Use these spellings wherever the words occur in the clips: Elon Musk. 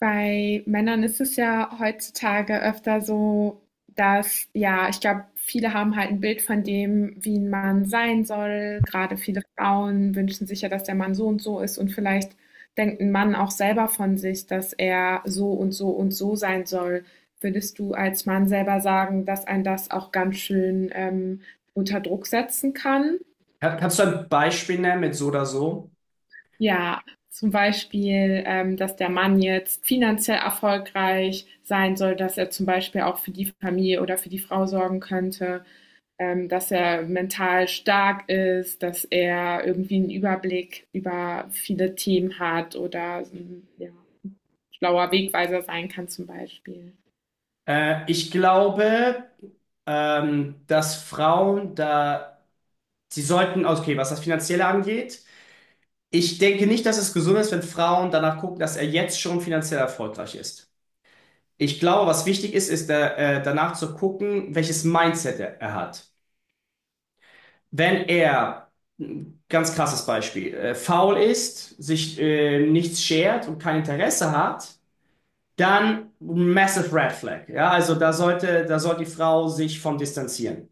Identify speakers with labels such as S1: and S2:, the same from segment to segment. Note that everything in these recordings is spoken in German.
S1: Bei Männern ist es ja heutzutage öfter so, dass, ja, ich glaube, viele haben halt ein Bild von dem, wie ein Mann sein soll. Gerade viele Frauen wünschen sich ja, dass der Mann so und so ist, und vielleicht denkt ein Mann auch selber von sich, dass er so und so und so sein soll. Würdest du als Mann selber sagen, dass ein das auch ganz schön, unter Druck setzen kann?
S2: Kannst du ein Beispiel nennen mit so oder so?
S1: Ja, zum Beispiel, dass der Mann jetzt finanziell erfolgreich sein soll, dass er zum Beispiel auch für die Familie oder für die Frau sorgen könnte, dass er mental stark ist, dass er irgendwie einen Überblick über viele Themen hat oder ja, schlauer Wegweiser sein kann zum Beispiel.
S2: Ich glaube, dass Frauen da, sie sollten, okay, was das Finanzielle angeht, ich denke nicht, dass es gesund ist, wenn Frauen danach gucken, dass er jetzt schon finanziell erfolgreich ist. Ich glaube, was wichtig ist, ist da, danach zu gucken, welches Mindset er hat. Wenn er, ein ganz krasses Beispiel, faul ist, sich nichts schert und kein Interesse hat, dann massive Red Flag. Ja, also da sollte, da soll die Frau sich von distanzieren.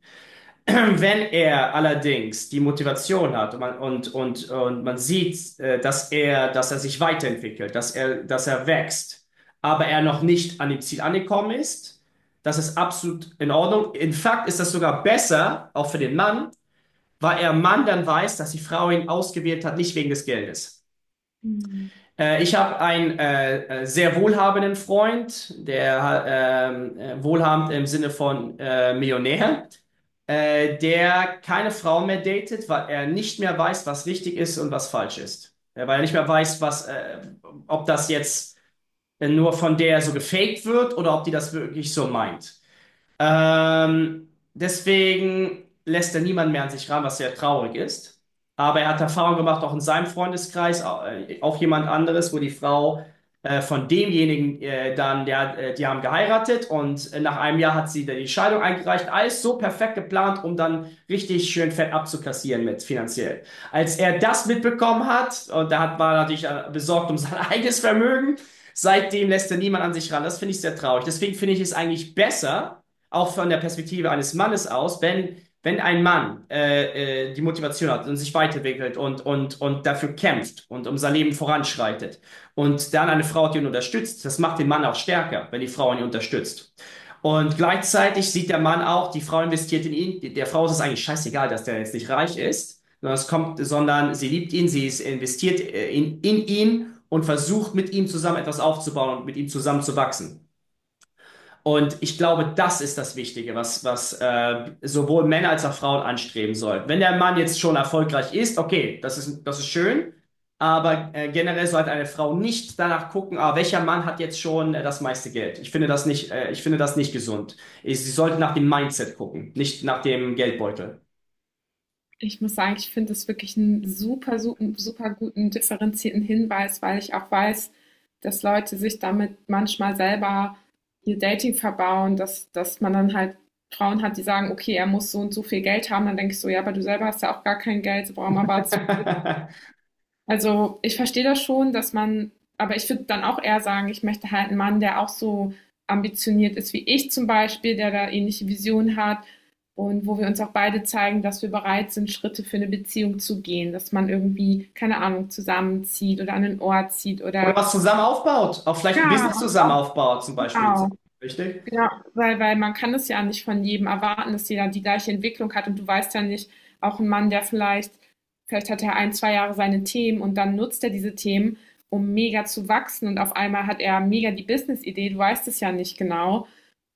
S2: Wenn er allerdings die Motivation hat und und man sieht, dass er sich weiterentwickelt, dass er wächst, aber er noch nicht an dem Ziel angekommen ist, das ist absolut in Ordnung. In Fakt ist das sogar besser, auch für den Mann, weil er Mann dann weiß, dass die Frau ihn ausgewählt hat, nicht wegen des Geldes.
S1: Mhm.
S2: Ich habe einen sehr wohlhabenden Freund, der wohlhabend im Sinne von Millionär, der keine Frau mehr datet, weil er nicht mehr weiß, was richtig ist und was falsch ist. Weil er nicht mehr weiß, ob das jetzt nur von der so gefaked wird oder ob die das wirklich so meint. Deswegen lässt er niemanden mehr an sich ran, was sehr traurig ist. Aber er hat Erfahrung gemacht, auch in seinem Freundeskreis, auch jemand anderes, wo die Frau von demjenigen die haben geheiratet und nach einem Jahr hat sie dann die Scheidung eingereicht. Alles so perfekt geplant, um dann richtig schön fett abzukassieren mit finanziell. Als er das mitbekommen hat, und da hat, war er natürlich besorgt um sein eigenes Vermögen, seitdem lässt er niemand an sich ran. Das finde ich sehr traurig. Deswegen finde ich es eigentlich besser, auch von der Perspektive eines Mannes aus, wenn ein Mann die Motivation hat und sich weiterentwickelt und dafür kämpft und um sein Leben voranschreitet und dann eine Frau hat, die ihn unterstützt, das macht den Mann auch stärker, wenn die Frau ihn unterstützt. Und gleichzeitig sieht der Mann auch, die Frau investiert in ihn, der Frau ist es eigentlich scheißegal, dass der jetzt nicht reich ist, sondern, es kommt, sondern sie liebt ihn, sie ist investiert in ihn und versucht mit ihm zusammen etwas aufzubauen und mit ihm zusammen zu wachsen. Und ich glaube, das ist das Wichtige, was sowohl Männer als auch Frauen anstreben sollten. Wenn der Mann jetzt schon erfolgreich ist, okay, das ist schön, aber generell sollte eine Frau nicht danach gucken, ah, welcher Mann hat jetzt schon das meiste Geld. Ich finde das nicht gesund. Ich, sie sollte nach dem Mindset gucken, nicht nach dem Geldbeutel.
S1: Ich muss sagen, ich finde es wirklich einen super, super, super guten, differenzierten Hinweis, weil ich auch weiß, dass Leute sich damit manchmal selber ihr Dating verbauen, dass, dass man dann halt Frauen hat, die sagen, okay, er muss so und so viel Geld haben. Dann denke ich so, ja, aber du selber hast ja auch gar kein Geld, warum erwartest, also, ich verstehe das schon, dass man, aber ich würde dann auch eher sagen, ich möchte halt einen Mann, der auch so ambitioniert ist wie ich zum Beispiel, der da ähnliche Visionen hat und wo wir uns auch beide zeigen, dass wir bereit sind, Schritte für eine Beziehung zu gehen, dass man irgendwie, keine Ahnung, zusammenzieht oder an einen Ort zieht
S2: Oder
S1: oder
S2: was zusammen aufbaut, auch vielleicht ein
S1: ja,
S2: Business zusammen aufbaut, zum Beispiel.
S1: auch,
S2: Richtig?
S1: ja, weil, weil man kann es ja nicht von jedem erwarten, dass jeder die gleiche Entwicklung hat, und du weißt ja nicht, auch ein Mann, der vielleicht, vielleicht hat er ein, zwei Jahre seine Themen und dann nutzt er diese Themen, um mega zu wachsen, und auf einmal hat er mega die Business-Idee, du weißt es ja nicht genau,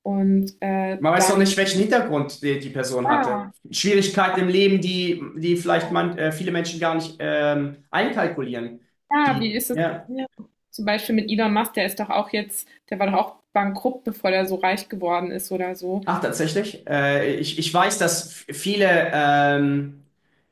S1: und
S2: Man weiß noch nicht,
S1: dahingehend,
S2: welchen Hintergrund die Person hatte.
S1: ja,
S2: Schwierigkeiten im Leben, die vielleicht man, viele Menschen gar nicht einkalkulieren.
S1: ja, wie
S2: Die,
S1: ist es,
S2: ja.
S1: ja. Zum Beispiel mit Elon Musk, der ist doch auch jetzt, der war doch auch bankrupt, bevor der so reich geworden ist oder so.
S2: Ach, tatsächlich. Ich weiß, dass viele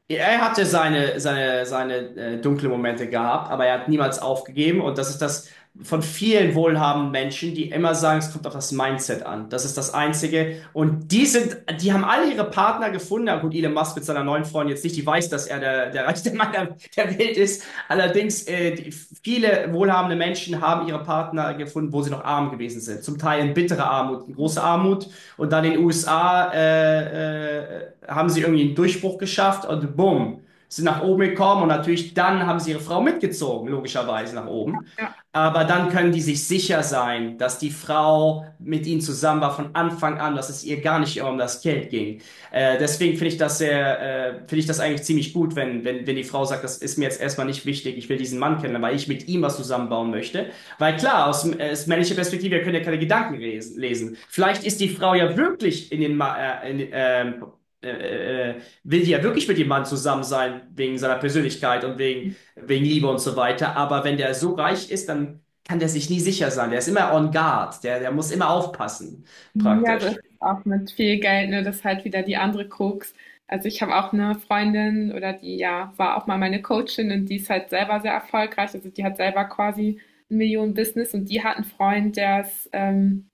S2: Er hatte seine dunklen Momente gehabt, aber er hat niemals aufgegeben. Und das ist das von vielen wohlhabenden Menschen, die immer sagen, es kommt auf das Mindset an. Das ist das Einzige. Und die haben alle ihre Partner gefunden. Na gut, Elon Musk mit seiner neuen Freundin jetzt nicht, die weiß, dass er der reichste Mann der Welt ist. Allerdings, viele wohlhabende Menschen haben ihre Partner gefunden, wo sie noch arm gewesen sind. Zum Teil in bitterer Armut, in großer Armut und dann in den USA haben sie irgendwie einen Durchbruch geschafft und bumm, sind nach oben gekommen und natürlich dann haben sie ihre Frau mitgezogen, logischerweise nach oben.
S1: Ja.
S2: Aber dann können die sich sicher sein, dass die Frau mit ihnen zusammen war von Anfang an, dass es ihr gar nicht immer um das Geld ging. Deswegen finde ich das sehr, finde ich das eigentlich ziemlich gut, wenn die Frau sagt, das ist mir jetzt erstmal nicht wichtig, ich will diesen Mann kennen, weil ich mit ihm was zusammenbauen möchte. Weil klar, aus männlicher Perspektive, wir können ja keine Gedanken lesen. Vielleicht ist die Frau ja wirklich in den, Ma in, will die ja wirklich mit dem Mann zusammen sein, wegen seiner Persönlichkeit und wegen Liebe und so weiter. Aber wenn der so reich ist, dann kann der sich nie sicher sein. Der ist immer on guard. Der muss immer aufpassen,
S1: Ja, so ist
S2: praktisch.
S1: es auch mit viel Geld, ne? Das ist halt wieder die andere Krux. Also ich habe auch eine Freundin, oder die ja war auch mal meine Coachin, und die ist halt selber sehr erfolgreich. Also die hat selber quasi ein Millionen-Business, und die hat einen Freund, der ist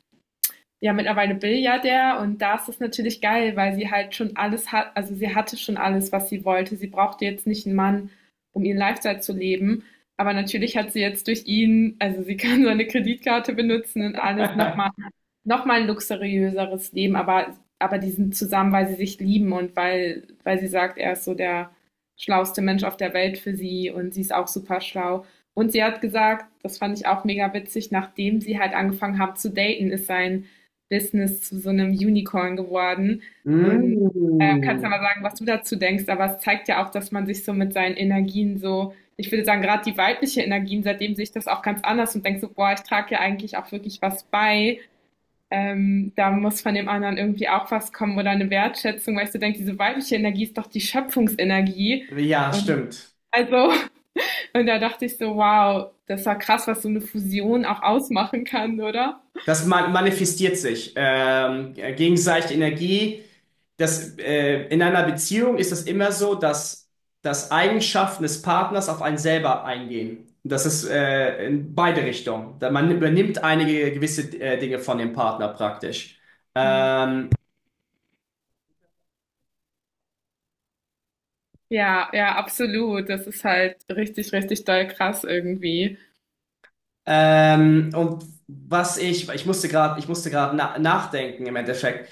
S1: ja, mittlerweile Milliardär, und da ist das natürlich geil, weil sie halt schon alles hat, also sie hatte schon alles, was sie wollte. Sie brauchte jetzt nicht einen Mann, um ihren Lifestyle zu leben. Aber natürlich hat sie jetzt durch ihn, also sie kann seine Kreditkarte benutzen und alles noch mal ein luxuriöseres Leben, aber die sind zusammen, weil sie sich lieben und weil, weil sie sagt, er ist so der schlauste Mensch auf der Welt für sie, und sie ist auch super schlau. Und sie hat gesagt, das fand ich auch mega witzig, nachdem sie halt angefangen haben zu daten, ist sein Business zu so einem Unicorn geworden. Und kannst ja
S2: Mm.
S1: mal sagen, was du dazu denkst, aber es zeigt ja auch, dass man sich so mit seinen Energien so, ich würde sagen, gerade die weibliche Energien, seitdem sehe ich das auch ganz anders und denke so, boah, ich trage ja eigentlich auch wirklich was bei. Da muss von dem anderen irgendwie auch was kommen oder eine Wertschätzung, weil ich so denke, diese weibliche Energie ist doch die Schöpfungsenergie.
S2: Ja,
S1: Und
S2: stimmt.
S1: also, und da dachte ich so, wow, das war krass, was so eine Fusion auch ausmachen kann, oder?
S2: Manifestiert sich. Gegenseitige Energie. In einer Beziehung ist es immer so, dass Eigenschaften des Partners auf einen selber eingehen. Das ist in beide Richtungen. Man übernimmt einige gewisse Dinge von dem Partner praktisch.
S1: Mhm.
S2: Ähm,
S1: Ja, ja, absolut. Das ist halt richtig, richtig doll krass irgendwie.
S2: und was ich musste gerade, ich musste gerade nachdenken im Endeffekt.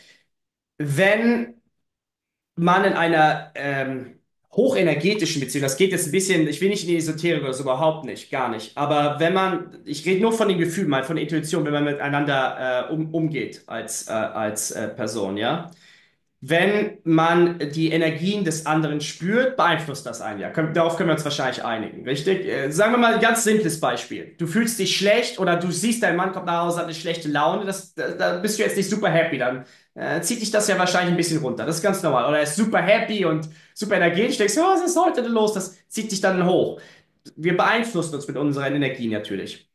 S2: Wenn man in einer hochenergetischen Beziehung, das geht jetzt ein bisschen, ich will nicht in die Esoterik oder so, überhaupt nicht, gar nicht. Aber wenn man, ich rede nur von den Gefühlen, mal von der Intuition, wenn man miteinander umgeht als Person, ja. Wenn man die Energien des anderen spürt, beeinflusst das einen ja. Darauf können wir uns wahrscheinlich einigen, richtig? Sagen wir mal ein ganz simples Beispiel. Du fühlst dich schlecht oder du siehst, dein Mann kommt nach Hause, hat eine schlechte Laune, da bist du jetzt nicht super happy, dann zieht dich das ja wahrscheinlich ein bisschen runter. Das ist ganz normal. Oder er ist super happy und super energetisch, denkst, ja, was ist heute denn los? Das zieht dich dann hoch. Wir beeinflussen uns mit unseren Energien natürlich.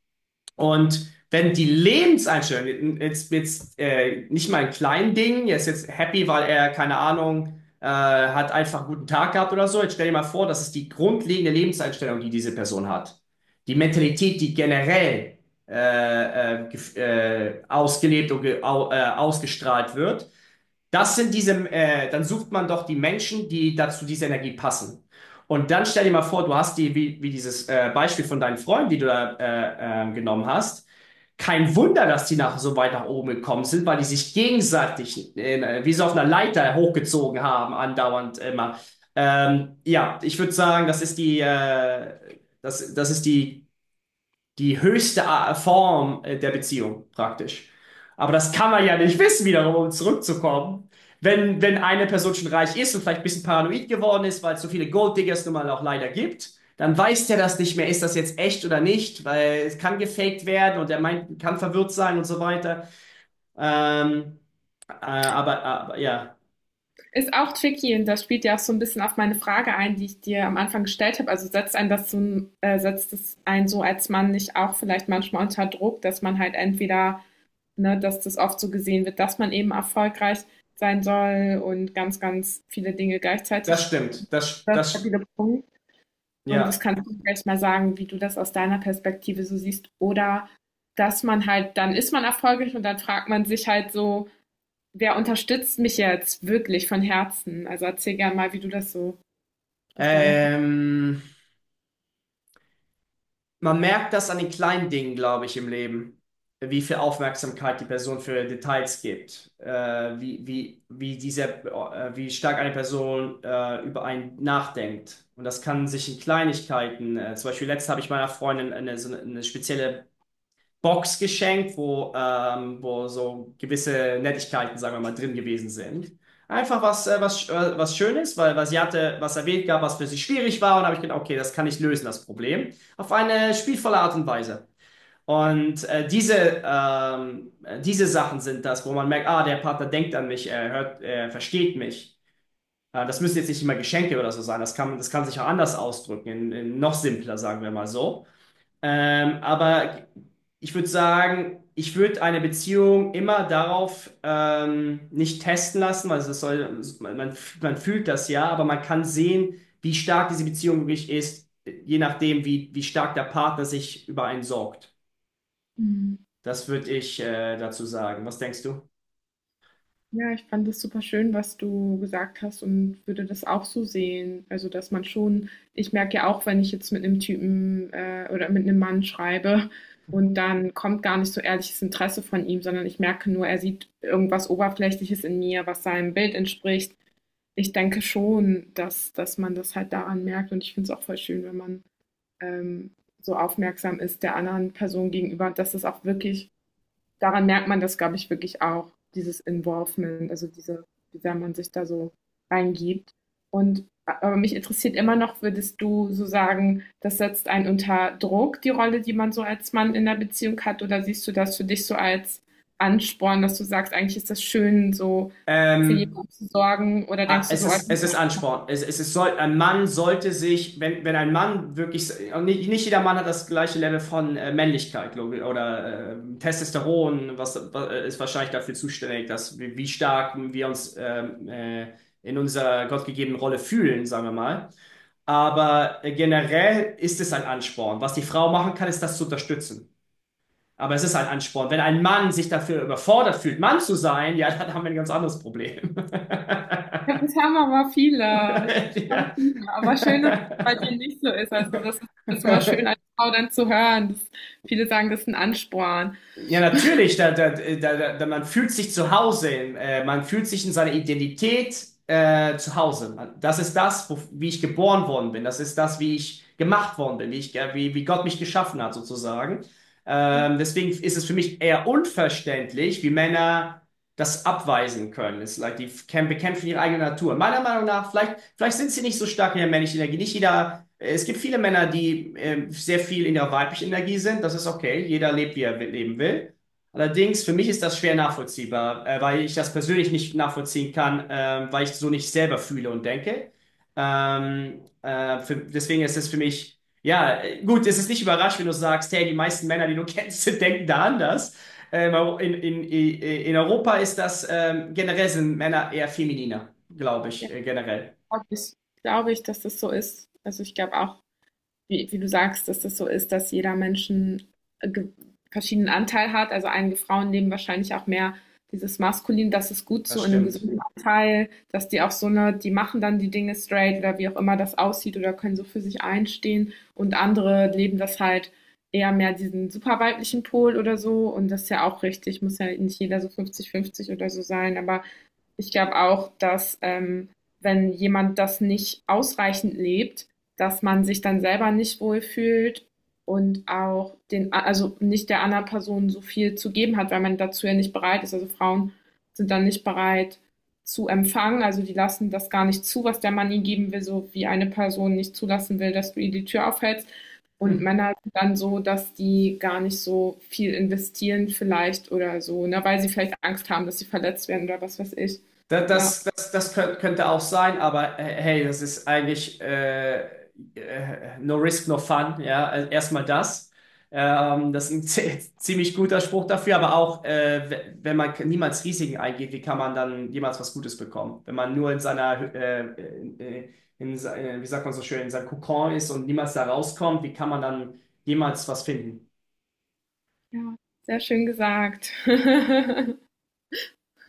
S2: Und wenn die Lebenseinstellung, jetzt nicht mal ein klein Ding, er ist jetzt happy, weil er, keine Ahnung, hat einfach einen guten Tag gehabt oder so. Jetzt stell dir mal vor, das ist die grundlegende Lebenseinstellung, die diese Person hat. Die Mentalität, die generell äh, ausgelebt und ge au ausgestrahlt wird. Das sind diese, dann sucht man doch die Menschen, die dazu diese Energie passen. Und dann stell dir mal vor, du hast wie dieses Beispiel von deinen Freunden, die du da genommen hast. Kein Wunder, dass die nach, so weit nach oben gekommen sind, weil die sich gegenseitig wie so auf einer Leiter hochgezogen haben, andauernd immer. Ja, ich würde sagen, das ist die höchste Form der Beziehung praktisch. Aber das kann man ja nicht wissen, wiederum, um zurückzukommen. Wenn eine Person schon reich ist und vielleicht ein bisschen paranoid geworden ist, weil es so viele Golddiggers nun mal auch leider gibt, dann weiß der das nicht mehr, ist das jetzt echt oder nicht, weil es kann gefaked werden und der meint, kann verwirrt sein und so weiter. Ähm, aber ja,
S1: Ist auch tricky, und das spielt ja auch so ein bisschen auf meine Frage ein, die ich dir am Anfang gestellt habe. Also setzt einen das so, setzt es einen so als Mann nicht auch vielleicht manchmal unter Druck, dass man halt entweder, ne, dass das oft so gesehen wird, dass man eben erfolgreich sein soll und ganz, ganz viele Dinge
S2: das
S1: gleichzeitig.
S2: stimmt. Das,
S1: Ganz
S2: das,
S1: stabile Punkt. Und das
S2: ja.
S1: kannst du vielleicht mal sagen, wie du das aus deiner Perspektive so siehst. Oder dass man halt, dann ist man erfolgreich und dann fragt man sich halt so, wer unterstützt mich jetzt wirklich von Herzen? Also erzähl gerne mal, wie du das so aus deiner Perspektive.
S2: Ähm, man merkt das an den kleinen Dingen, glaube ich, im Leben, wie viel Aufmerksamkeit die Person für Details gibt, wie stark eine Person über einen nachdenkt. Und das kann sich in Kleinigkeiten, zum Beispiel letztens habe ich meiner Freundin eine spezielle Box geschenkt, wo wo so gewisse Nettigkeiten, sagen wir mal, drin gewesen sind. Einfach was Schönes, weil sie hatte was erwähnt gab, was für sie schwierig war. Und habe ich gedacht, okay, das kann ich lösen, das Problem. Auf eine spielvolle Art und Weise. Und äh, diese, ähm, Diese Sachen sind das, wo man merkt, ah, der Partner denkt an mich, er hört, er versteht mich. Das müssen jetzt nicht immer Geschenke oder so sein. Das kann sich auch anders ausdrücken, in noch simpler, sagen wir mal so. Aber ich würde sagen, ich würde eine Beziehung immer darauf nicht testen lassen, weil es soll, man fühlt das ja, aber man kann sehen, wie stark diese Beziehung wirklich ist, je nachdem, wie stark der Partner sich über einen sorgt.
S1: Mhm.
S2: Das würde ich dazu sagen. Was denkst du?
S1: Ja, ich fand das super schön, was du gesagt hast, und würde das auch so sehen. Also, dass man schon, ich merke ja auch, wenn ich jetzt mit einem Typen oder mit einem Mann schreibe und dann kommt gar nicht so ehrliches Interesse von ihm, sondern ich merke nur, er sieht irgendwas Oberflächliches in mir, was seinem Bild entspricht. Ich denke schon, dass man das halt daran merkt, und ich finde es auch voll schön, wenn man ähm, so aufmerksam ist der anderen Person gegenüber, dass es auch wirklich, daran merkt man das, glaube ich, wirklich auch, dieses Involvement, also diese, wie sehr man sich da so reingibt. Und aber mich interessiert immer noch, würdest du so sagen, das setzt einen unter Druck, die Rolle, die man so als Mann in der Beziehung hat, oder siehst du das für dich so als Ansporn, dass du sagst, eigentlich ist das schön, so für
S2: Ähm,
S1: jemanden zu sorgen, oder denkst du so, oh, das
S2: Es
S1: ist?
S2: ist Ansporn. Ein Mann sollte sich, wenn ein Mann wirklich, und nicht, nicht jeder Mann hat das gleiche Level von Männlichkeit, glaube ich, oder Testosteron, was ist wahrscheinlich dafür zuständig, dass wir, wie stark wir uns in unserer gottgegebenen Rolle fühlen, sagen wir mal. Aber generell ist es ein Ansporn. Was die Frau machen kann, ist das zu unterstützen. Aber es ist ein Ansporn. Wenn ein Mann sich dafür überfordert fühlt, Mann zu sein, ja, dann haben wir ein ganz anderes Problem.
S1: Ja, das haben aber viele. Ich glaube, das haben
S2: ja.
S1: viele. Aber schön, dass es bei dir nicht so ist. Also das ist immer schön, als Frau dann zu hören. Das, viele sagen, das ist ein Ansporn.
S2: Ja, natürlich, man fühlt sich zu Hause, man fühlt sich in seiner Identität zu Hause. Man, das ist das, wie ich geboren worden bin, das ist das, wie ich gemacht worden bin, wie Gott mich geschaffen hat, sozusagen. Deswegen ist es für mich eher unverständlich, wie Männer das abweisen können. Es, ist like, die f- kämpfen kämpfen ihre eigene Natur. Meiner Meinung nach, vielleicht sind sie nicht so stark in der männlichen Energie. Nicht jeder. Es gibt viele Männer, die sehr viel in ihrer weiblichen Energie sind. Das ist okay. Jeder lebt, wie er leben will. Allerdings, für mich ist das schwer nachvollziehbar, weil ich das persönlich nicht nachvollziehen kann, weil ich so nicht selber fühle und denke. Deswegen ist es für mich, ja, gut, es ist nicht überraschend, wenn du sagst, hey, die meisten Männer, die du kennst, denken da anders. Ähm, in Europa ist das generell sind Männer eher femininer, glaube ich,
S1: Ja,
S2: generell.
S1: glaube ich, glaube ich, dass das so ist. Also ich glaube auch, wie, wie du sagst, dass das so ist, dass jeder Mensch einen äh, ge- verschiedenen Anteil hat. Also einige Frauen nehmen wahrscheinlich auch mehr dieses Maskulin, das ist gut
S2: Das
S1: so in einem
S2: stimmt.
S1: gesunden Anteil, dass die auch so eine, die machen dann die Dinge straight oder wie auch immer das aussieht oder können so für sich einstehen, und andere leben das halt eher mehr diesen super weiblichen Pol oder so, und das ist ja auch richtig, muss ja nicht jeder so 50-50 oder so sein, aber ich glaube auch, dass wenn jemand das nicht ausreichend lebt, dass man sich dann selber nicht wohlfühlt und auch den, also nicht der anderen Person so viel zu geben hat, weil man dazu ja nicht bereit ist. Also Frauen sind dann nicht bereit zu empfangen, also die lassen das gar nicht zu, was der Mann ihnen geben will, so wie eine Person nicht zulassen will, dass du ihr die Tür aufhältst. Und
S2: Hm.
S1: Männer sind dann so, dass die gar nicht so viel investieren vielleicht oder so, ne, weil sie vielleicht Angst haben, dass sie verletzt werden oder was weiß ich. Ja,
S2: Könnte auch sein, aber hey, das ist eigentlich no risk, no fun. Ja, also erstmal das. Das ist ein ziemlich guter Spruch dafür, aber auch, wenn man niemals Risiken eingeht, wie kann man dann jemals was Gutes bekommen? Wenn man nur in seiner, in, äh, wie sagt man so schön, in seinem Kokon ist und niemals da rauskommt, wie kann man dann jemals was finden?
S1: ja, sehr schön gesagt.